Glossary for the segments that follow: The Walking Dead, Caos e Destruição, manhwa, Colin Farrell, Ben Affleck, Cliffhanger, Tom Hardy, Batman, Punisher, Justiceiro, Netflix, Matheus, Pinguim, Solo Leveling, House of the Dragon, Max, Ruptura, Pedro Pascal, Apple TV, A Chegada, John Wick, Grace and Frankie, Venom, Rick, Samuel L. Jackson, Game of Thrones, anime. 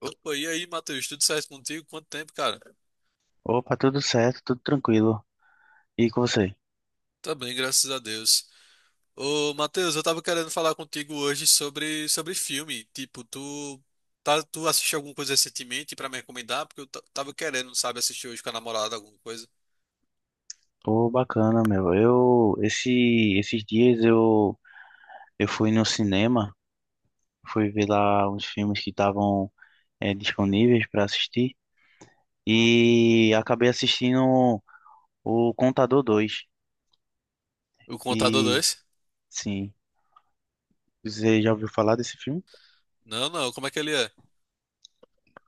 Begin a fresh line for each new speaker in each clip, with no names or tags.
Opa, e aí, Matheus? Tudo certo contigo? Quanto tempo, cara?
Opa, tudo certo, tudo tranquilo. E com você?
Tá bem, graças a Deus. Ô, Matheus, eu tava querendo falar contigo hoje sobre filme. Tipo, tu, tá, tu assistiu alguma coisa recentemente pra me recomendar? Porque eu tava querendo, sabe, assistir hoje com a namorada alguma coisa.
Pô, bacana, meu. Esses dias eu fui no cinema, fui ver lá uns filmes que estavam disponíveis para assistir e acabei assistindo o Contador 2.
O Contador
E,
2?
sim, você já ouviu falar desse filme?
Não, não, como é que ele é?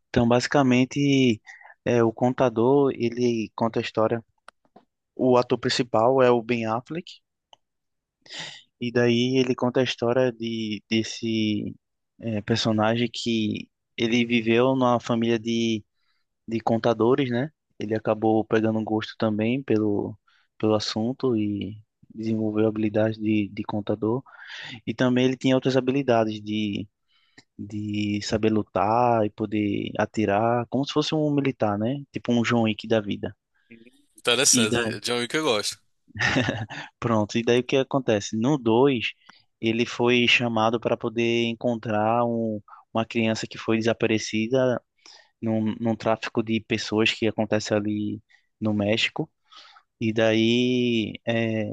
Então, basicamente, o Contador, ele conta a história. O ator principal é o Ben Affleck. E daí ele conta a história de desse personagem que ele viveu numa família de contadores, né? Ele acabou pegando gosto também pelo assunto e desenvolveu habilidades de contador. E também ele tinha outras habilidades de saber lutar e poder atirar, como se fosse um militar, né? Tipo um John Wick da vida. E daí
Interessante, John Wick eu gosto.
Pronto, e daí o que acontece? No 2 ele foi chamado para poder encontrar uma criança que foi desaparecida num tráfico de pessoas que acontece ali no México. E daí é,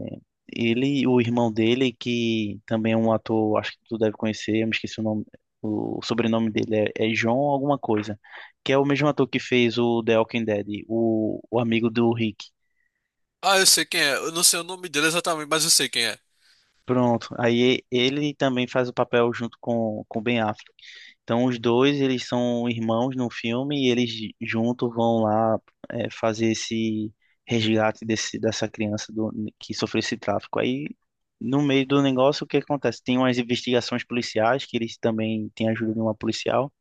ele, e o irmão dele, que também é um ator, acho que tu deve conhecer, eu me esqueci o nome, o sobrenome dele é John alguma coisa, que é o mesmo ator que fez o The Walking Dead, o amigo do Rick.
Ah, eu sei quem é. Eu não sei o nome dele exatamente, mas eu sei quem é.
Pronto. Aí ele também faz o papel junto com Ben Affleck. Então os dois, eles são irmãos no filme e eles juntos vão lá fazer esse resgate dessa criança que sofreu esse tráfico. Aí no meio do negócio, o que acontece? Tem umas investigações policiais que eles também têm a ajuda de uma policial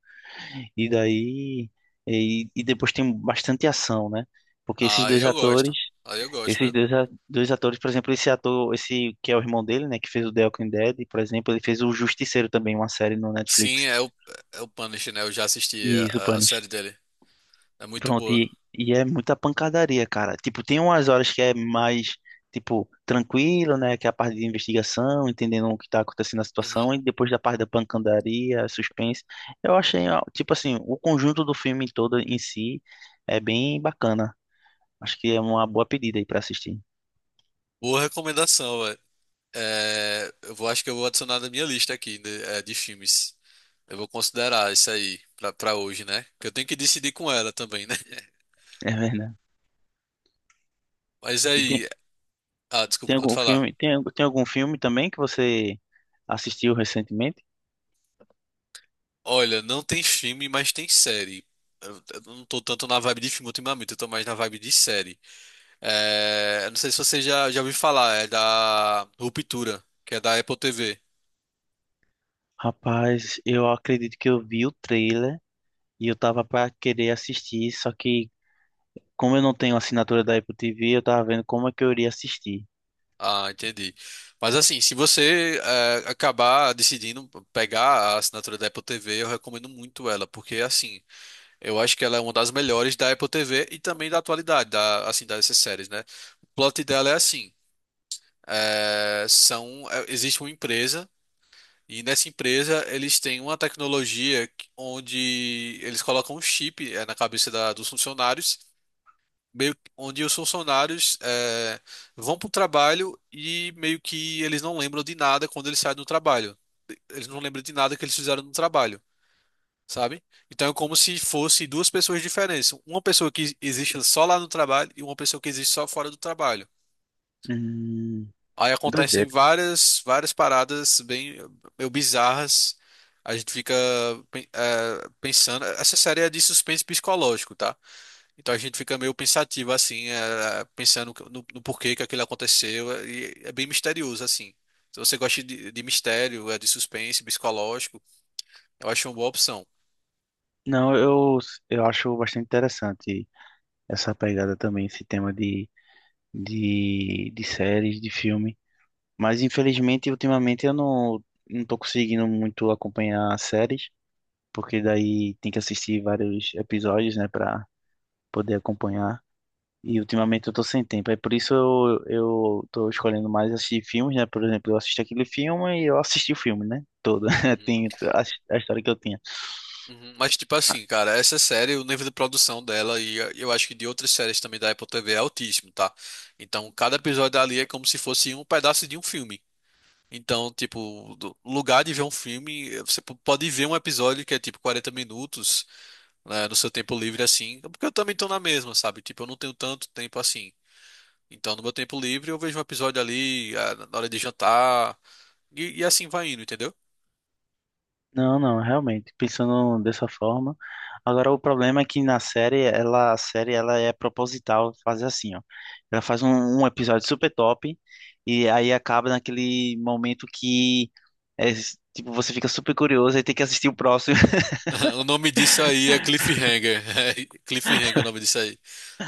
e daí e depois tem bastante ação, né? Porque esses
Ah,
dois
eu gosto.
atores
Ah, eu gosto,
esses
viu?
dois, a- dois atores, por exemplo, esse ator, esse que é o irmão dele, né, que fez o The Walking Dead, por exemplo, ele fez o Justiceiro também, uma série no
Sim,
Netflix.
é o Punisher, né? Eu já assisti
E isso,
a
Panos.
série dele. É muito
Pronto,
boa.
e é muita pancadaria, cara. Tipo, tem umas horas que é mais, tipo, tranquilo, né, que é a parte de investigação, entendendo o que tá acontecendo na
Uhum.
situação, e depois da parte da pancadaria, suspense. Eu achei, ó, tipo assim, o conjunto do filme todo em si é bem bacana. Acho que é uma boa pedida aí pra assistir.
Boa recomendação, velho. É, eu vou, acho que eu vou adicionar na minha lista aqui de, é, de filmes. Eu vou considerar isso aí pra hoje, né? Que eu tenho que decidir com ela também, né?
É verdade.
Mas
E tem-
aí. Ah, desculpa, pode falar.
Tem algum filme também que você assistiu recentemente?
Olha, não tem filme, mas tem série. Eu não tô tanto na vibe de filme ultimamente, eu tô mais na vibe de série. É, eu não sei se já ouviu falar, é da Ruptura, que é da Apple TV.
Rapaz, eu acredito que eu vi o trailer e eu tava pra querer assistir, só que como eu não tenho assinatura da Apple TV, eu tava vendo como é que eu iria assistir.
Ah, entendi. Mas assim, se você acabar decidindo pegar a assinatura da Apple TV, eu recomendo muito ela, porque assim, eu acho que ela é uma das melhores da Apple TV e também da atualidade, da, assim, dessas séries, né? O plot dela é assim, existe uma empresa e nessa empresa eles têm uma tecnologia onde eles colocam um chip na cabeça dos funcionários onde os funcionários vão para o trabalho e meio que eles não lembram de nada quando eles saem do trabalho. Eles não lembram de nada que eles fizeram no trabalho, sabe? Então é como se fosse duas pessoas diferentes. Uma pessoa que existe só lá no trabalho e uma pessoa que existe só fora do trabalho.
Hum,
Aí acontecem
doideira.
várias paradas bem meio bizarras. A gente fica pensando. Essa série é de suspense psicológico, tá? Então a gente fica meio pensativo assim, pensando no porquê que aquilo aconteceu, e é bem misterioso assim. Se você gosta de mistério, de suspense, psicológico, eu acho uma boa opção.
Não, eu acho bastante interessante essa pegada também, esse tema de séries, de filme. Mas infelizmente, ultimamente eu não tô conseguindo muito acompanhar séries. Porque daí tem que assistir vários episódios, né, para poder acompanhar. E ultimamente eu tô sem tempo, é por isso eu tô escolhendo mais assistir filmes, né? Por exemplo, eu assisti aquele filme e eu assisti o filme, né? Todo.
Uhum,
Tem a, a história que eu tinha.
uhum. Mas tipo assim, cara, essa série, o nível de produção dela e eu acho que de outras séries também da Apple TV é altíssimo, tá? Então cada episódio ali é como se fosse um pedaço de um filme. Então, tipo, do lugar de ver um filme, você pode ver um episódio que é tipo 40 minutos, né, no seu tempo livre assim, porque eu também tô na mesma, sabe? Tipo, eu não tenho tanto tempo assim. Então, no meu tempo livre, eu vejo um episódio ali, ah, na hora de jantar, e assim vai indo, entendeu?
Não, não, realmente, pensando dessa forma. Agora, o problema é que na série, ela é proposital fazer assim, ó. Ela faz um episódio super top e aí acaba naquele momento que é, tipo, você fica super curioso e tem que assistir o próximo.
O nome disso aí é Cliffhanger. É Cliffhanger é o nome disso aí.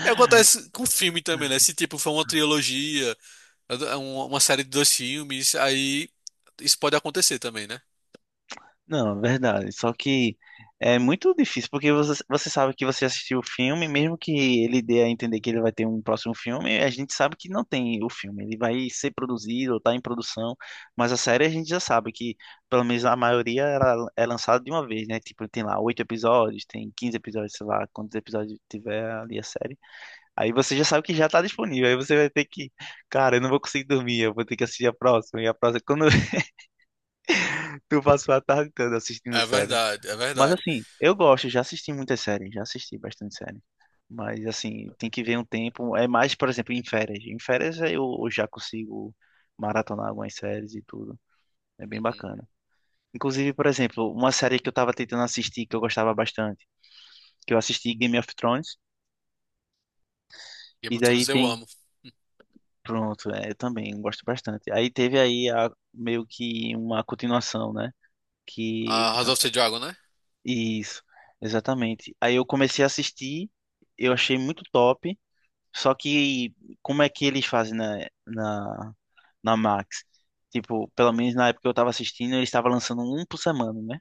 E acontece com filme também, né? Se tipo for uma trilogia, é uma série de dois filmes, aí isso pode acontecer também, né?
Não, verdade. Só que é muito difícil, porque você, você sabe que você assistiu o filme, mesmo que ele dê a entender que ele vai ter um próximo filme, a gente sabe que não tem o filme. Ele vai ser produzido ou tá em produção, mas a série a gente já sabe que, pelo menos a maioria, ela é lançada de uma vez, né? Tipo, tem lá oito episódios, tem 15 episódios, sei lá, quantos episódios tiver ali a série. Aí você já sabe que já tá disponível. Aí você vai ter que, cara, eu não vou conseguir dormir, eu vou ter que assistir a próxima. E a próxima, quando tu passou a tarde toda assistindo
É
série.
verdade, é
Mas
verdade.
assim, eu gosto, já assisti muitas séries, já assisti bastante série. Mas assim, tem que ver um tempo. É mais, por exemplo, em férias. Em férias eu já consigo maratonar algumas séries e tudo. É bem
Uhum.
bacana. Inclusive, por exemplo, uma série que eu tava tentando assistir, que eu gostava bastante, que eu assisti Game of Thrones,
Game
e
of
daí
Thrones eu
tem.
amo.
Pronto, é, eu também gosto bastante. Aí teve aí meio que uma continuação, né? Que.
A House of the Dragon, né?
Isso, exatamente. Aí eu comecei a assistir, eu achei muito top. Só que como é que eles fazem na Max? Tipo, pelo menos na época que eu tava assistindo, eles estavam lançando um por semana, né?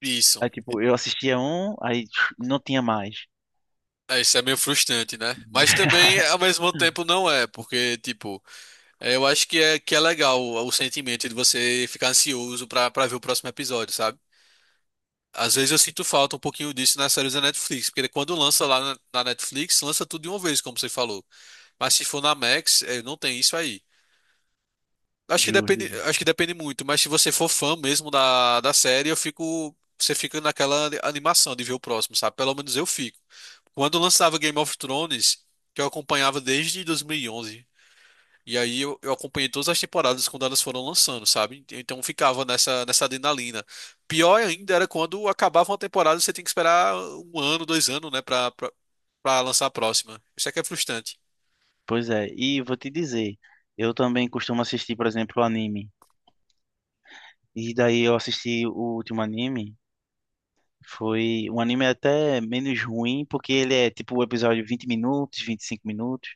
Isso.
Aí, tipo, eu assistia um, aí não tinha mais.
É, isso é meio frustrante, né? Mas também, ao mesmo tempo, não é, porque, tipo, é, eu acho que é legal o sentimento de você ficar ansioso pra ver o próximo episódio, sabe? Às vezes eu sinto falta um pouquinho disso nas séries da Netflix, porque quando lança lá na Netflix, lança tudo de uma vez, como você falou. Mas se for na Max, é, não tem isso aí.
Justo. Justo.
Acho que depende muito, mas se você for fã mesmo da série, eu fico, você fica naquela animação de ver o próximo, sabe? Pelo menos eu fico. Quando lançava Game of Thrones, que eu acompanhava desde 2011, e onze. E aí eu acompanhei todas as temporadas quando elas foram lançando, sabe? Então ficava nessa adrenalina. Pior ainda era quando acabava uma temporada, você tem que esperar um ano, dois anos, né, pra lançar a próxima. Isso é que é frustrante.
Pois é, e vou te dizer, eu também costumo assistir, por exemplo, anime. E daí eu assisti o último anime, foi um anime até menos ruim, porque ele é tipo o episódio 20 minutos, 25 minutos.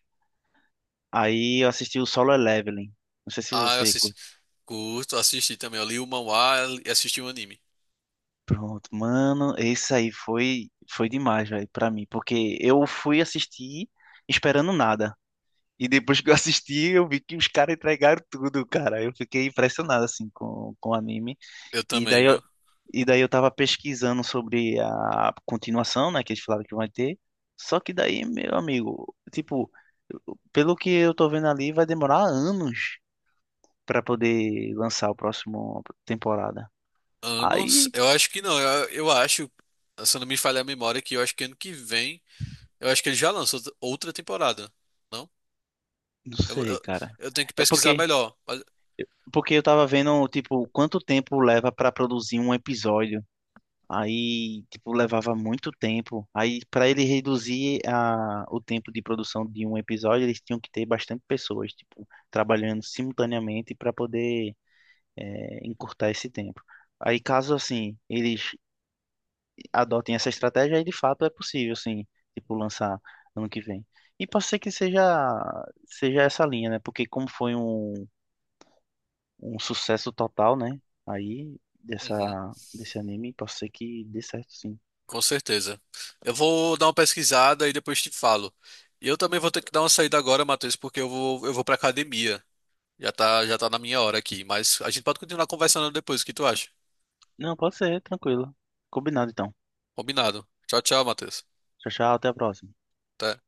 Aí eu assisti o Solo Leveling. Não sei se
Ah, eu
você
assisti. Curto, assisti também. Eu li o manhwa e assisti o anime.
Pronto, mano, esse aí foi demais, velho, pra mim, porque eu fui assistir esperando nada. E depois que eu assisti, eu vi que os caras entregaram tudo, cara. Eu fiquei impressionado assim com o anime.
Eu
E
também,
daí eu,
viu?
e daí eu tava pesquisando sobre a continuação, né, que eles falaram que vai ter. Só que daí, meu amigo, tipo, pelo que eu tô vendo ali, vai demorar anos pra poder lançar o próximo temporada.
Anos?
Aí,
Eu acho que não. Eu acho, se eu não me falha a memória, que eu acho que ano que vem. Eu acho que ele já lançou outra temporada. Não?
não
Eu,
sei,
eu,
cara.
eu tenho que
É
pesquisar
porque
melhor. Mas-
Porque eu tava vendo, tipo, quanto tempo leva pra produzir um episódio. Aí, tipo, levava muito tempo. Aí, pra ele reduzir a, o tempo de produção de um episódio, eles tinham que ter bastante pessoas, tipo, trabalhando simultaneamente para poder encurtar esse tempo. Aí, caso, assim, eles adotem essa estratégia, aí de fato é possível, assim, tipo, lançar ano que vem. E pode ser que seja, seja essa linha, né? Porque como foi um sucesso total, né? Aí,
Uhum,
desse anime, pode ser que dê certo, sim.
com certeza. Eu vou dar uma pesquisada e depois te falo. E eu também vou ter que dar uma saída agora, Matheus, porque eu vou pra academia. Já tá na minha hora aqui. Mas a gente pode continuar conversando depois. O que tu acha?
Não, pode ser, tranquilo. Combinado, então.
Combinado. Tchau, tchau, Matheus.
Tchau, tchau, até a próxima.
Até.